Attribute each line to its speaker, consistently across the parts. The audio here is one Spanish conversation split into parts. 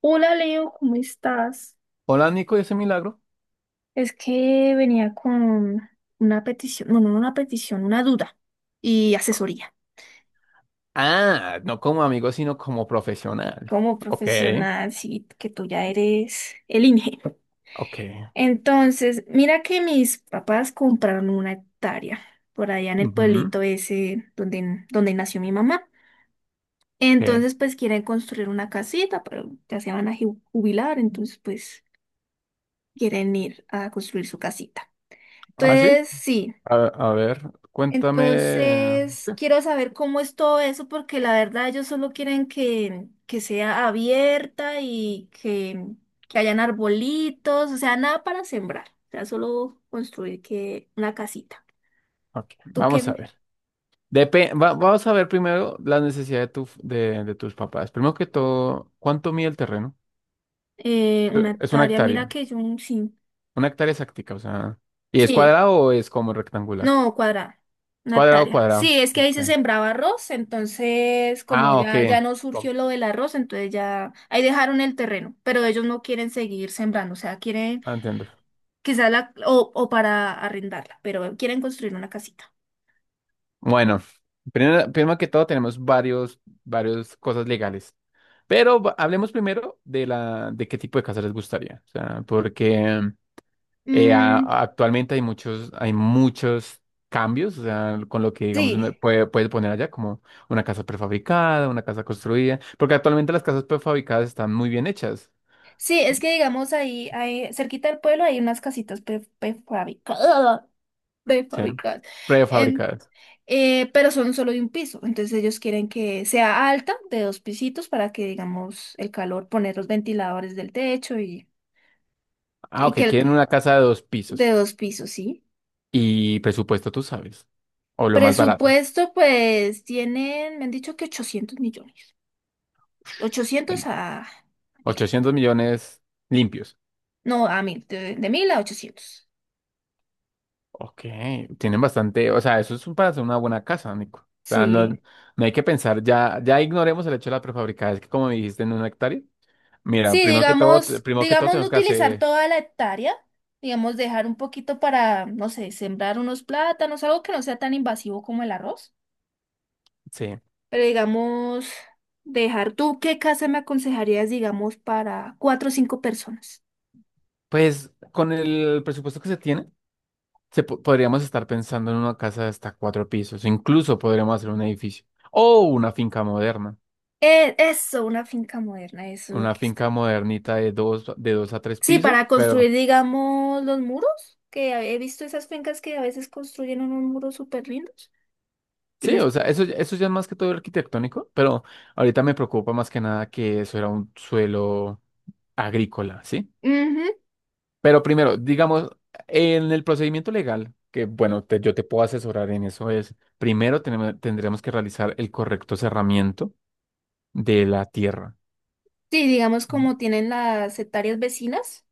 Speaker 1: Hola Leo, ¿cómo estás?
Speaker 2: Hola Nico, ¿y ese milagro?
Speaker 1: Es que venía con una petición, no, no una petición, una duda y asesoría.
Speaker 2: Ah, no como amigo, sino como profesional.
Speaker 1: Como
Speaker 2: Ok,
Speaker 1: profesional, sí, que tú ya eres el INGE.
Speaker 2: ok.
Speaker 1: Entonces, mira que mis papás compraron una hectárea por allá en el
Speaker 2: Ujú,
Speaker 1: pueblito ese donde nació mi mamá.
Speaker 2: ok.
Speaker 1: Entonces, pues quieren construir una casita, pero ya se van a jubilar, entonces pues quieren ir a construir su casita.
Speaker 2: Ah, sí.
Speaker 1: Entonces, sí.
Speaker 2: A, a ver, cuéntame.
Speaker 1: Entonces, quiero saber cómo es todo eso, porque la verdad ellos solo quieren que sea abierta y que hayan arbolitos, o sea, nada para sembrar, o sea, solo construir que una casita.
Speaker 2: Ok,
Speaker 1: ¿Tú
Speaker 2: vamos a
Speaker 1: qué?
Speaker 2: ver. Vamos a ver primero la necesidad de, tu, de tus papás. Primero que todo, ¿cuánto mide el terreno?
Speaker 1: Una
Speaker 2: Es una
Speaker 1: hectárea, mira
Speaker 2: hectárea.
Speaker 1: que yo sí.
Speaker 2: Una hectárea exacta, o sea. ¿Y es
Speaker 1: Sí,
Speaker 2: cuadrado o es como rectangular?
Speaker 1: no, cuadrada,
Speaker 2: Es
Speaker 1: una
Speaker 2: cuadrado,
Speaker 1: hectárea.
Speaker 2: cuadrado.
Speaker 1: Sí, es que ahí
Speaker 2: Ok.
Speaker 1: se sembraba arroz, entonces como
Speaker 2: Ah, ok.
Speaker 1: ya no
Speaker 2: Oh,
Speaker 1: surgió lo del arroz, entonces ya ahí dejaron el terreno, pero ellos no quieren seguir sembrando, o sea, quieren.
Speaker 2: ah, entiendo.
Speaker 1: Quizá o para arrendarla, pero quieren construir una casita.
Speaker 2: Bueno, primero, primero que todo tenemos varios cosas legales, pero hablemos primero de la, de qué tipo de casa les gustaría, o sea, porque
Speaker 1: Mm,
Speaker 2: actualmente hay muchos cambios, o sea, con lo que digamos
Speaker 1: sí,
Speaker 2: uno puede, puede poner allá como una casa prefabricada, una casa construida, porque actualmente las casas prefabricadas están muy bien hechas,
Speaker 1: sí, es que digamos ahí cerquita del pueblo hay unas casitas prefabricadas,
Speaker 2: ¿sí?
Speaker 1: prefabricadas, em,
Speaker 2: Prefabricadas.
Speaker 1: pero son solo de un piso, entonces ellos quieren que sea alta, de dos pisitos, para que digamos el calor, poner los ventiladores del techo y,
Speaker 2: Ah,
Speaker 1: y
Speaker 2: ok, quieren una casa de dos
Speaker 1: de
Speaker 2: pisos
Speaker 1: dos pisos, ¿sí?
Speaker 2: y presupuesto tú sabes, o lo más barato.
Speaker 1: Presupuesto, pues tienen, me han dicho que 800 millones, 800 a 1.000.
Speaker 2: 800 millones limpios.
Speaker 1: No, a 1.000, de mil a 800.
Speaker 2: Ok, tienen bastante, o sea, para hacer una buena casa, Nico. O sea, no,
Speaker 1: Sí.
Speaker 2: no hay que pensar, ya, ya ignoremos el hecho de la prefabricada, es que como dijiste en una hectárea, mira,
Speaker 1: Sí,
Speaker 2: primero que todo,
Speaker 1: digamos,
Speaker 2: primero que todo
Speaker 1: digamos no
Speaker 2: tenemos que
Speaker 1: utilizar
Speaker 2: hacer,
Speaker 1: toda la hectárea, digamos dejar un poquito para, no sé, sembrar unos plátanos, algo que no sea tan invasivo como el arroz.
Speaker 2: sí,
Speaker 1: Pero digamos, dejar, ¿tú qué casa me aconsejarías, digamos, para cuatro o cinco personas?
Speaker 2: pues con el presupuesto que se tiene, podríamos estar pensando en una casa de hasta cuatro pisos, incluso podríamos hacer un edificio o una finca moderna,
Speaker 1: Eso, una finca moderna, eso es lo
Speaker 2: una
Speaker 1: que está.
Speaker 2: finca modernita de dos a tres
Speaker 1: Sí,
Speaker 2: pisos.
Speaker 1: para
Speaker 2: Pero
Speaker 1: construir, digamos, los muros, que he visto esas fincas que a veces construyen unos muros súper lindos. Y
Speaker 2: sí,
Speaker 1: les.
Speaker 2: o sea, eso ya es más que todo arquitectónico, pero ahorita me preocupa más que nada que eso era un suelo agrícola, ¿sí?
Speaker 1: Ujú.
Speaker 2: Pero primero, digamos, en el procedimiento legal, que bueno, yo te puedo asesorar en eso, es primero tendremos que realizar el correcto cerramiento de la tierra.
Speaker 1: Sí, digamos
Speaker 2: Mm.
Speaker 1: como tienen las hectáreas vecinas,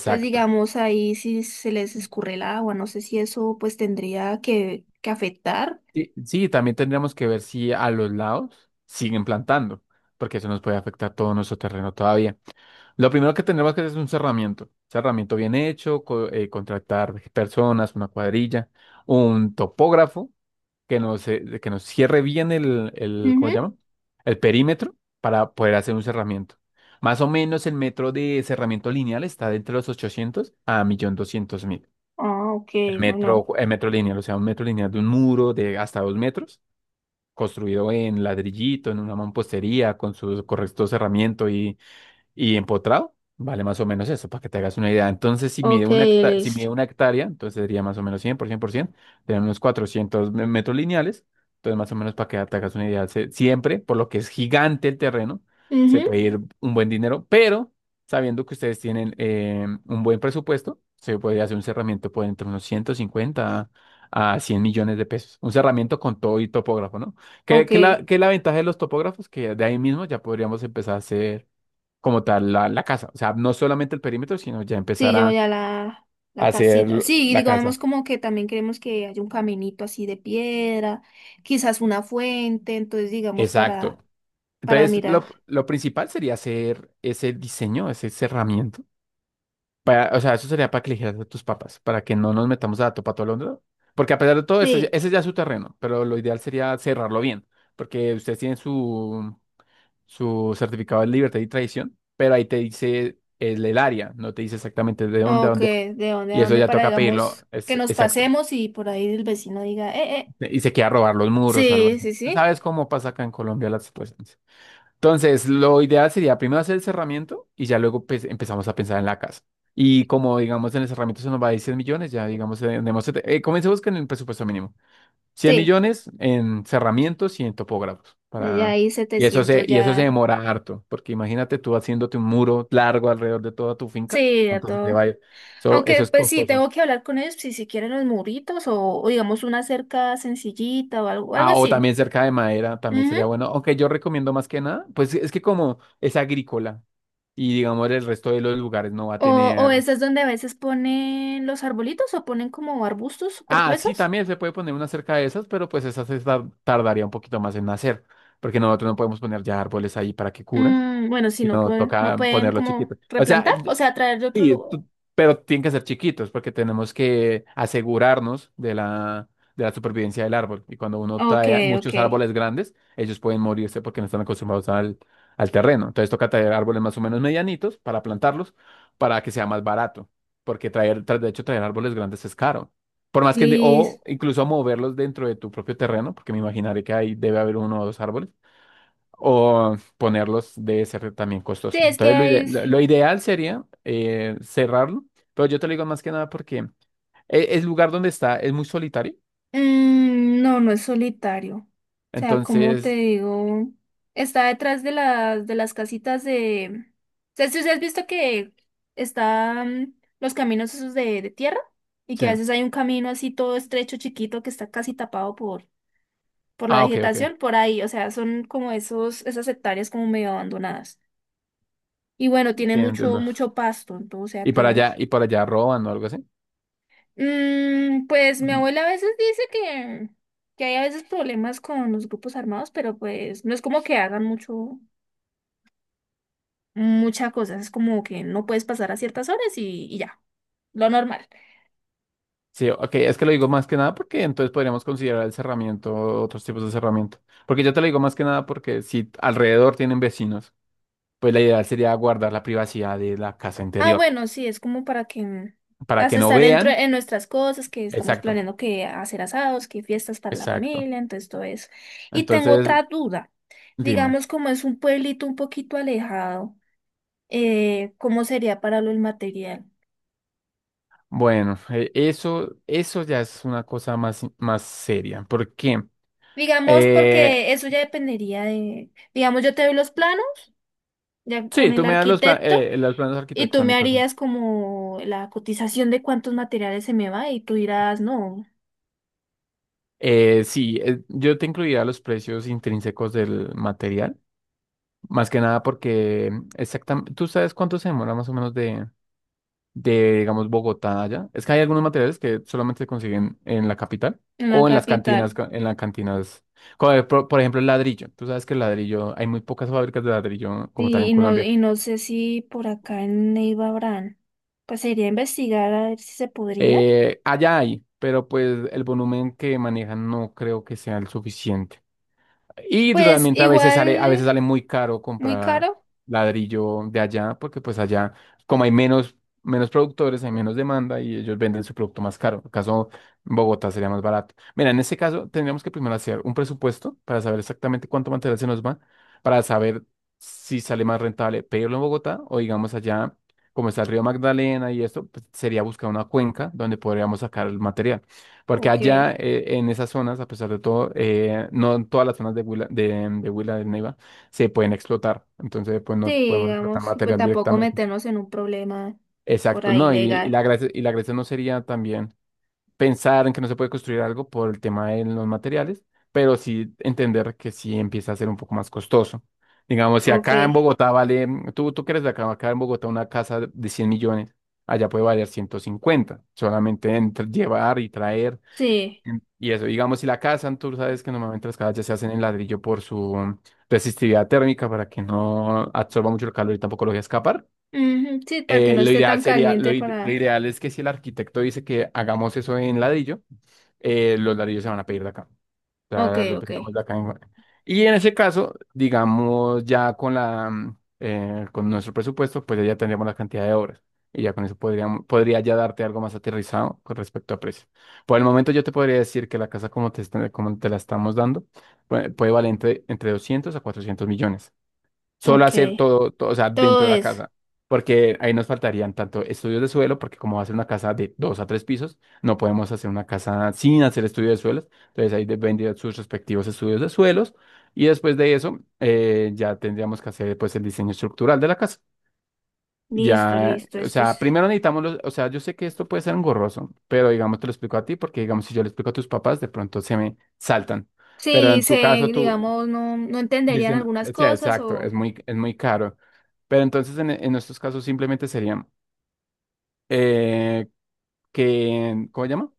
Speaker 1: entonces digamos ahí si se les escurre el agua, no sé si eso pues tendría que afectar.
Speaker 2: Sí, sí, también tendríamos que ver si a los lados siguen plantando, porque eso nos puede afectar todo nuestro terreno todavía. Lo primero que tenemos que hacer es un cerramiento. Cerramiento bien hecho, contratar personas, una cuadrilla, un topógrafo que nos cierre bien el,
Speaker 1: Ujú.
Speaker 2: ¿cómo se llama? El perímetro para poder hacer un cerramiento. Más o menos el metro de cerramiento lineal está de entre los 800 a 1.200.000.
Speaker 1: Ah, ok, bueno,
Speaker 2: El metro lineal, o sea, un metro lineal de un muro de hasta dos metros, construido en ladrillito, en una mampostería, con su correcto cerramiento y empotrado vale más o menos eso, para que te hagas una idea. Entonces, si mide
Speaker 1: ok,
Speaker 2: una hectárea, si
Speaker 1: listo.
Speaker 2: mide una hectárea, entonces sería más o menos 100 por 100 por 100, serían unos 400 metros lineales. Entonces, más o menos para que te hagas una idea, siempre, por lo que es gigante el terreno, se
Speaker 1: Ujú.
Speaker 2: puede ir un buen dinero, pero sabiendo que ustedes tienen un buen presupuesto, se podría hacer un cerramiento por entre unos 150 a 100 millones de pesos. Un cerramiento con todo y topógrafo, ¿no? ¿Qué,
Speaker 1: Ok,
Speaker 2: qué la, qué es la ventaja de los topógrafos? Que de ahí mismo ya podríamos empezar a hacer como tal la, la casa. O sea, no solamente el perímetro, sino ya
Speaker 1: sí,
Speaker 2: empezar
Speaker 1: yo ya la
Speaker 2: a hacer
Speaker 1: casita. Sí, y
Speaker 2: la casa.
Speaker 1: digamos como que también queremos que haya un caminito así de piedra, quizás una fuente, entonces digamos
Speaker 2: Exacto.
Speaker 1: para
Speaker 2: Entonces,
Speaker 1: mirar.
Speaker 2: lo principal sería hacer ese diseño, ese cerramiento. Para, o sea, eso sería para que eligieras a tus papás, para que no nos metamos a topa todo Londres, ¿no? Porque a pesar de todo, eso,
Speaker 1: Sí.
Speaker 2: ese ya es su terreno, pero lo ideal sería cerrarlo bien, porque ustedes tienen su, su certificado de libertad y tradición, pero ahí te dice el área, no te dice exactamente de dónde, a
Speaker 1: Ok,
Speaker 2: dónde.
Speaker 1: de dónde a
Speaker 2: Y eso
Speaker 1: dónde
Speaker 2: ya
Speaker 1: para,
Speaker 2: toca pedirlo.
Speaker 1: digamos, que
Speaker 2: Es,
Speaker 1: nos
Speaker 2: exacto.
Speaker 1: pasemos y por ahí el vecino diga.
Speaker 2: Y se quiera robar los muros o algo
Speaker 1: Sí,
Speaker 2: así.
Speaker 1: sí,
Speaker 2: Tú
Speaker 1: sí.
Speaker 2: sabes cómo pasa acá en Colombia las situaciones. Entonces, lo ideal sería primero hacer el cerramiento y ya luego pues, empezamos a pensar en la casa. Y como digamos en el cerramiento se nos va a ir 100 millones, ya digamos, tenemos, comencemos con el presupuesto mínimo. cien
Speaker 1: Sí,
Speaker 2: millones en cerramientos y en topógrafos.
Speaker 1: de ya
Speaker 2: Para...
Speaker 1: ahí 700
Speaker 2: Y eso se
Speaker 1: ya.
Speaker 2: demora harto, porque imagínate tú haciéndote un muro largo alrededor de toda tu finca.
Speaker 1: Sí, ya
Speaker 2: Entonces te
Speaker 1: todo.
Speaker 2: va a ir- eso
Speaker 1: Aunque,
Speaker 2: es
Speaker 1: pues sí,
Speaker 2: costoso.
Speaker 1: tengo que hablar con ellos si quieren los muritos o digamos una cerca sencillita o algo
Speaker 2: Ah, o
Speaker 1: así.
Speaker 2: también cerca de madera, también
Speaker 1: Ujú.
Speaker 2: sería bueno. Aunque yo recomiendo más que nada, pues es que como es agrícola y digamos el resto de los lugares no va a
Speaker 1: O, o
Speaker 2: tener.
Speaker 1: esas donde a veces ponen los arbolitos o ponen como arbustos súper
Speaker 2: Ah, sí,
Speaker 1: gruesos.
Speaker 2: también se puede poner una cerca de esas, pero pues esas tardaría un poquito más en nacer, porque nosotros no podemos poner ya árboles ahí para que curan,
Speaker 1: Bueno, si no,
Speaker 2: sino
Speaker 1: no
Speaker 2: toca
Speaker 1: pueden
Speaker 2: ponerlos
Speaker 1: como
Speaker 2: chiquitos. O sea,
Speaker 1: replantar, o sea, traer de otro
Speaker 2: sí,
Speaker 1: lugar.
Speaker 2: tú- pero tienen que ser chiquitos porque tenemos que asegurarnos de la supervivencia del árbol. Y cuando uno
Speaker 1: Ok,
Speaker 2: trae
Speaker 1: ok.
Speaker 2: muchos árboles grandes, ellos pueden morirse porque no están acostumbrados al, al terreno. Entonces toca traer árboles más o menos medianitos para plantarlos para que sea más barato. Porque traer, de hecho, traer árboles grandes es caro. Por más que,
Speaker 1: Listo.
Speaker 2: o incluso moverlos dentro de tu propio terreno, porque me imaginaré que ahí debe haber uno o dos árboles, o ponerlos debe ser también
Speaker 1: Sí,
Speaker 2: costoso.
Speaker 1: es
Speaker 2: Entonces,
Speaker 1: que es.
Speaker 2: lo ideal sería cerrarlo, pero yo te lo digo más que nada porque el, lugar donde está es muy solitario.
Speaker 1: Mm, no no es solitario. O sea, como te
Speaker 2: Entonces,
Speaker 1: digo, está detrás de las casitas de. O sea, si has visto que están los caminos esos de tierra y
Speaker 2: sí.
Speaker 1: que a veces hay un camino así todo estrecho, chiquito, que está casi tapado por la
Speaker 2: Ah, ok, ok.
Speaker 1: vegetación, por ahí. O sea, son como esos, esas hectáreas como medio abandonadas. Y bueno,
Speaker 2: Sí,
Speaker 1: tiene mucho,
Speaker 2: entiendo.
Speaker 1: mucho pasto, entonces, o sea, tienes.
Speaker 2: Y para allá roban o algo así.
Speaker 1: Pues mi
Speaker 2: Ujú.
Speaker 1: abuela a veces dice que hay a veces problemas con los grupos armados, pero pues no es como que hagan mucho, mucha cosa, es como que no puedes pasar a ciertas horas y ya, lo normal.
Speaker 2: Sí, ok, es que lo digo más que nada porque entonces podríamos considerar el cerramiento, otros tipos de cerramiento. Porque yo te lo digo más que nada porque si alrededor tienen vecinos, pues la idea sería guardar la privacidad de la casa
Speaker 1: Ah,
Speaker 2: interior
Speaker 1: bueno, sí, es como para que
Speaker 2: para que no
Speaker 1: estar dentro
Speaker 2: vean.
Speaker 1: en nuestras cosas, que estamos
Speaker 2: Exacto,
Speaker 1: planeando que hacer asados, que fiestas para la
Speaker 2: exacto.
Speaker 1: familia, entonces todo eso. Y tengo
Speaker 2: Entonces,
Speaker 1: otra duda,
Speaker 2: dime.
Speaker 1: digamos como es un pueblito un poquito alejado, ¿cómo sería para lo del material?
Speaker 2: Bueno, eso, eso ya es una cosa más, más seria. ¿Por qué?
Speaker 1: Digamos,
Speaker 2: Eh,
Speaker 1: porque eso ya dependería de, digamos, yo te doy los planos, ya con
Speaker 2: sí,
Speaker 1: el
Speaker 2: tú me das los,
Speaker 1: arquitecto,
Speaker 2: los planos
Speaker 1: y tú me
Speaker 2: arquitectónicos.
Speaker 1: harías como la cotización de cuántos materiales se me va, y tú dirás, no,
Speaker 2: Sí, yo te incluiría los precios intrínsecos del material. Más que nada porque exactamente, ¿tú sabes cuánto se demora más o menos de, digamos, Bogotá allá? Es que hay algunos materiales que solamente se consiguen en la capital
Speaker 1: en la
Speaker 2: o en las
Speaker 1: capital.
Speaker 2: cantinas, en las cantinas. Como, por ejemplo, el ladrillo. Tú sabes que el ladrillo, hay muy pocas fábricas de ladrillo como tal
Speaker 1: Sí,
Speaker 2: en
Speaker 1: y no,
Speaker 2: Colombia.
Speaker 1: y no sé si por acá en Neiva habrán. Pues sería investigar a ver si se podría.
Speaker 2: Allá hay, pero pues el volumen que manejan no creo que sea el suficiente. Y
Speaker 1: Pues
Speaker 2: realmente a
Speaker 1: igual,
Speaker 2: veces sale muy caro
Speaker 1: muy
Speaker 2: comprar
Speaker 1: caro,
Speaker 2: ladrillo de allá, porque pues allá, como hay menos, menos productores, hay menos demanda y ellos venden su producto más caro. En el caso en Bogotá sería más barato. Mira, en ese caso tendríamos que primero hacer un presupuesto para saber exactamente cuánto material se nos va, para saber si sale más rentable pedirlo en Bogotá o digamos allá, como está el río Magdalena y esto, pues, sería buscar una cuenca donde podríamos sacar el material. Porque
Speaker 1: ¿o
Speaker 2: allá
Speaker 1: qué?
Speaker 2: en esas zonas, a pesar de todo, no en todas las zonas de Huila del Neiva se pueden explotar. Entonces, pues
Speaker 1: Sí,
Speaker 2: no podemos explotar
Speaker 1: digamos, pues
Speaker 2: material
Speaker 1: tampoco
Speaker 2: directamente.
Speaker 1: meternos en un problema por
Speaker 2: Exacto,
Speaker 1: ahí
Speaker 2: no,
Speaker 1: legal.
Speaker 2: y la gracia no sería también pensar en que no se puede construir algo por el tema de los materiales, pero sí entender que sí empieza a ser un poco más costoso. Digamos, si
Speaker 1: Ok,
Speaker 2: acá en Bogotá vale, tú que eres de acá, acá en Bogotá una casa de 100 millones, allá puede valer 150 millones solamente entre llevar y traer.
Speaker 1: sí.
Speaker 2: Y eso, digamos, si la cazan, tú sabes que normalmente las casas ya se hacen en ladrillo por su mm, resistividad térmica para que no absorba mucho el calor y tampoco lo deje escapar.
Speaker 1: Ujú. Sí, para que no
Speaker 2: Lo
Speaker 1: esté
Speaker 2: ideal
Speaker 1: tan
Speaker 2: sería,
Speaker 1: caliente
Speaker 2: lo
Speaker 1: para.
Speaker 2: ideal es que si el arquitecto dice que hagamos eso en ladrillo, los ladrillos se van a pedir de acá,
Speaker 1: Ok,
Speaker 2: sea, lo
Speaker 1: ok,
Speaker 2: teníamos acá en- Y en ese caso, digamos, ya con la, mm, con nuestro presupuesto, pues ya tendríamos la cantidad de horas. Y ya con eso podríamos, podría ya darte algo más aterrizado con respecto a precio. Por el momento yo te podría decir que la casa como te, como te la estamos dando puede, puede valer entre, entre 200 a 400 millones, solo
Speaker 1: ok.
Speaker 2: hacer todo, todo, o sea,
Speaker 1: Todo
Speaker 2: dentro de la
Speaker 1: eso.
Speaker 2: casa, porque ahí nos faltarían tanto estudios de suelo, porque como va a ser una casa de dos a tres pisos, no podemos hacer una casa sin hacer estudios de suelos, entonces ahí vendrían sus respectivos estudios de suelos, y después de eso ya tendríamos que hacer pues el diseño estructural de la casa.
Speaker 1: Listo,
Speaker 2: Ya,
Speaker 1: listo.
Speaker 2: o sea, primero necesitamos los, o sea, yo sé que esto puede ser engorroso, pero digamos te lo explico a ti, porque digamos si yo le explico a tus papás, de pronto se me saltan. Pero
Speaker 1: Sí,
Speaker 2: en tu caso, tú,
Speaker 1: digamos, no, no entenderían
Speaker 2: dicen,
Speaker 1: algunas
Speaker 2: o sea,
Speaker 1: cosas
Speaker 2: exacto, es
Speaker 1: o.
Speaker 2: muy, es muy caro. Pero entonces en estos casos simplemente serían eh, que, ¿cómo se llama?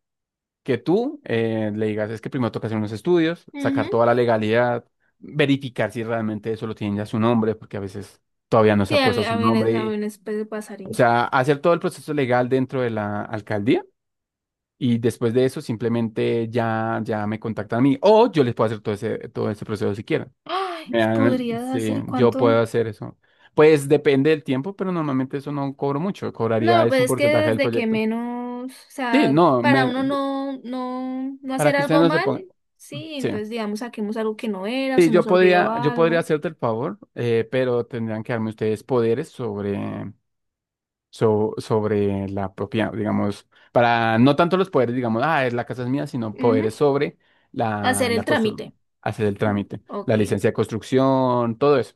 Speaker 2: Que tú le digas, es que primero toca hacer unos estudios, sacar
Speaker 1: Ujú.
Speaker 2: toda la legalidad, verificar si realmente eso lo tienen ya su nombre, porque a veces todavía no se
Speaker 1: Sí,
Speaker 2: ha puesto
Speaker 1: a,
Speaker 2: su
Speaker 1: a veces,
Speaker 2: nombre.
Speaker 1: a veces pues,
Speaker 2: O
Speaker 1: pasaría.
Speaker 2: sea, hacer todo el proceso legal dentro de la alcaldía y después de eso simplemente ya me contactan a mí o yo les puedo hacer todo ese proceso si quieren.
Speaker 1: Ay,
Speaker 2: Mira,
Speaker 1: podrías
Speaker 2: sí,
Speaker 1: hacer
Speaker 2: yo
Speaker 1: cuánto.
Speaker 2: puedo hacer eso. Pues depende del tiempo, pero normalmente eso no cobro mucho. Cobraría
Speaker 1: No,
Speaker 2: es
Speaker 1: pues
Speaker 2: un
Speaker 1: es que
Speaker 2: porcentaje del
Speaker 1: desde que
Speaker 2: proyecto.
Speaker 1: menos, o
Speaker 2: Sí,
Speaker 1: sea,
Speaker 2: no,
Speaker 1: para uno no, no, no
Speaker 2: para
Speaker 1: hacer
Speaker 2: que ustedes
Speaker 1: algo
Speaker 2: no se
Speaker 1: mal,
Speaker 2: pongan.
Speaker 1: sí,
Speaker 2: Sí.
Speaker 1: entonces digamos saquemos algo que no era o
Speaker 2: Sí,
Speaker 1: se nos
Speaker 2: yo
Speaker 1: olvidó
Speaker 2: podría, yo podría
Speaker 1: algo.
Speaker 2: hacerte el favor, pero tendrían que darme ustedes poderes sobre sobre la propia, digamos, para no tanto los poderes, digamos, es la casa es mía, sino
Speaker 1: Ujú.
Speaker 2: poderes sobre la,
Speaker 1: Hacer el
Speaker 2: la
Speaker 1: trámite.
Speaker 2: hacer el
Speaker 1: Mm.
Speaker 2: trámite,
Speaker 1: Ok.
Speaker 2: la licencia de construcción, todo eso.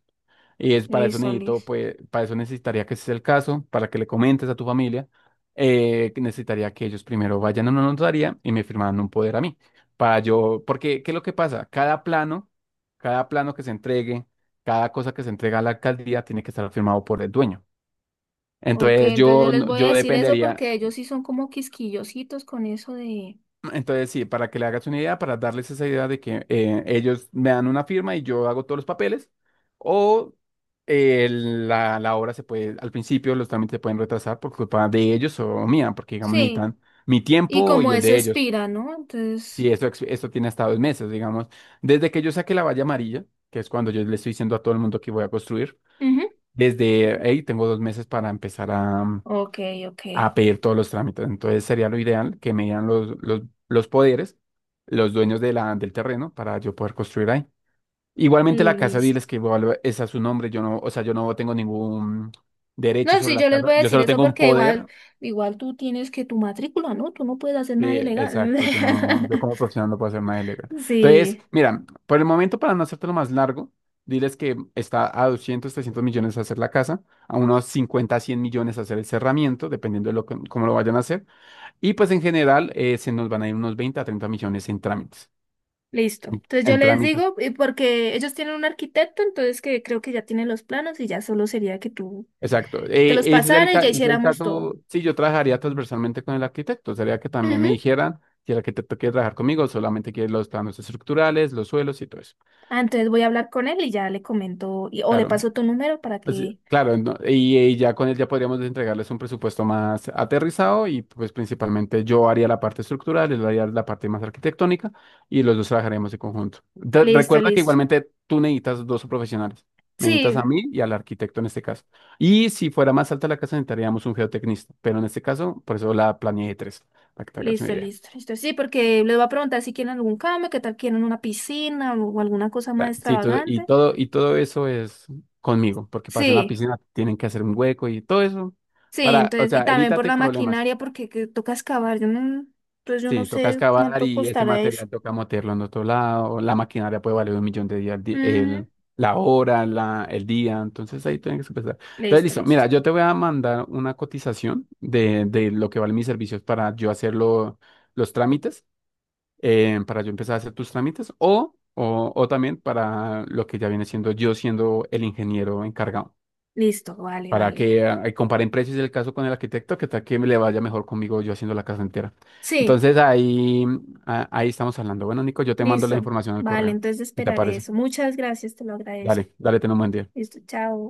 Speaker 2: Y es para eso
Speaker 1: Listo,
Speaker 2: necesito,
Speaker 1: listo.
Speaker 2: pues, para eso necesitaría que ese es el caso, para que le comentes a tu familia, que necesitaría que ellos primero vayan a una notaría y me firmaran un poder a mí. Para yo, porque, ¿qué es lo que pasa? Cada plano que se entregue, cada cosa que se entrega a la alcaldía tiene que estar firmado por el dueño.
Speaker 1: Ok,
Speaker 2: Entonces
Speaker 1: entonces yo
Speaker 2: yo,
Speaker 1: les
Speaker 2: no-
Speaker 1: voy a
Speaker 2: yo
Speaker 1: decir eso
Speaker 2: dependería,
Speaker 1: porque ellos sí son como quisquillositos con eso de.
Speaker 2: entonces sí, para que le hagas una idea, para darles esa idea de que ellos me dan una firma y yo hago todos los papeles, o la obra se puede, al principio los trámites se pueden retrasar por culpa de ellos o mía, porque digamos
Speaker 1: Sí,
Speaker 2: necesitan mi
Speaker 1: y
Speaker 2: tiempo
Speaker 1: como
Speaker 2: y el
Speaker 1: eso
Speaker 2: de ellos.
Speaker 1: expira, ¿no?
Speaker 2: Sí,
Speaker 1: Entonces.
Speaker 2: esto tiene hasta 2 meses, digamos, desde que yo saque la valla amarilla, que es cuando yo le estoy diciendo a todo el mundo que voy a construir,
Speaker 1: Ujú.
Speaker 2: desde ahí tengo 2 meses para empezar a,
Speaker 1: Ok, ok.
Speaker 2: a pedir todos los trámites. Entonces sería lo ideal que me dieran los poderes, los dueños de del terreno para yo poder construir ahí. Igualmente la casa,
Speaker 1: Listo.
Speaker 2: diles que igual es a su nombre, yo no, o sea, yo no tengo ningún derecho
Speaker 1: No,
Speaker 2: sobre
Speaker 1: sí,
Speaker 2: la
Speaker 1: yo les
Speaker 2: casa,
Speaker 1: voy a
Speaker 2: yo
Speaker 1: decir
Speaker 2: solo
Speaker 1: eso
Speaker 2: tengo un
Speaker 1: porque igual,
Speaker 2: poder.
Speaker 1: igual tú tienes que tu matrícula, ¿no? Tú no puedes hacer
Speaker 2: Sí,
Speaker 1: nada ilegal.
Speaker 2: exacto, yo no, yo como profesional no puedo hacer nada ilegal. Entonces,
Speaker 1: Sí,
Speaker 2: mira, por el momento para no hacértelo más largo, diles que está a 200 300 millones hacer la casa, a unos 50, 100 millones hacer el cerramiento, dependiendo de lo que, cómo lo vayan a hacer. Y pues en general se nos van a ir unos 20 a 30 millones en trámites.
Speaker 1: listo. Entonces yo
Speaker 2: En
Speaker 1: les
Speaker 2: trámites.
Speaker 1: digo, y porque ellos tienen un arquitecto, entonces que creo que ya tienen los planos y ya solo sería que tú
Speaker 2: Exacto.
Speaker 1: te
Speaker 2: Eh,
Speaker 1: los
Speaker 2: ese es el,
Speaker 1: pasara y
Speaker 2: ca-
Speaker 1: ya
Speaker 2: ese es el
Speaker 1: hiciéramos todo.
Speaker 2: caso. Sí, yo trabajaría transversalmente con el arquitecto. Sería que también me
Speaker 1: Ujú.
Speaker 2: dijeran si el arquitecto quiere trabajar conmigo, solamente quiere los planos estructurales, los suelos y todo eso.
Speaker 1: Ah, entonces voy a hablar con él y ya le comento, o le
Speaker 2: Claro.
Speaker 1: paso tu número para
Speaker 2: O sea,
Speaker 1: que.
Speaker 2: claro, y ya con él ya podríamos entregarles un presupuesto más aterrizado y pues principalmente yo haría la parte estructural, él haría la parte más arquitectónica y los dos trabajaremos en conjunto.
Speaker 1: Listo,
Speaker 2: Recuerda que
Speaker 1: listo.
Speaker 2: igualmente tú necesitas dos profesionales, me necesitas
Speaker 1: Sí,
Speaker 2: a mí y al arquitecto en este caso. Y si fuera más alta la casa necesitaríamos un geotecnista, pero en este caso por eso la planeé de tres, para que te hagas una
Speaker 1: listo,
Speaker 2: idea.
Speaker 1: listo, listo. Sí, porque les voy a preguntar si quieren algún cambio, qué tal quieren una piscina o alguna cosa más
Speaker 2: Sí, todo- y
Speaker 1: extravagante.
Speaker 2: todo, y todo eso es conmigo, porque para hacer una
Speaker 1: Sí,
Speaker 2: piscina tienen que hacer un hueco y todo eso.
Speaker 1: sí,
Speaker 2: Para, o
Speaker 1: entonces, y
Speaker 2: sea,
Speaker 1: también por
Speaker 2: evítate
Speaker 1: la
Speaker 2: problemas.
Speaker 1: maquinaria, porque que toca excavar, yo no, entonces yo no
Speaker 2: Sí, toca
Speaker 1: sé
Speaker 2: excavar
Speaker 1: cuánto
Speaker 2: y ese
Speaker 1: costará eso.
Speaker 2: material toca meterlo en otro lado. La maquinaria puede valer un millón de días,
Speaker 1: Ujú.
Speaker 2: el, la hora, la, el día. Entonces ahí tienen que empezar. Entonces,
Speaker 1: Listo,
Speaker 2: listo.
Speaker 1: listo.
Speaker 2: Mira, yo te voy a mandar una cotización de lo que valen mis servicios para yo hacer los trámites, para yo empezar a hacer tus trámites o también para lo que ya viene siendo yo siendo el ingeniero encargado
Speaker 1: Listo, vale,
Speaker 2: para
Speaker 1: vale.
Speaker 2: que comparen precios el caso con el arquitecto, que tal que me le vaya mejor conmigo yo haciendo la casa entera.
Speaker 1: Sí,
Speaker 2: Entonces ahí, ahí estamos hablando. Bueno, Nico, yo te mando la
Speaker 1: listo.
Speaker 2: información al
Speaker 1: Vale,
Speaker 2: correo.
Speaker 1: entonces
Speaker 2: ¿Y te
Speaker 1: esperaré
Speaker 2: aparece?
Speaker 1: eso. Muchas gracias, te lo agradezco.
Speaker 2: Dale, dale, ten un buen día.
Speaker 1: Listo, chao.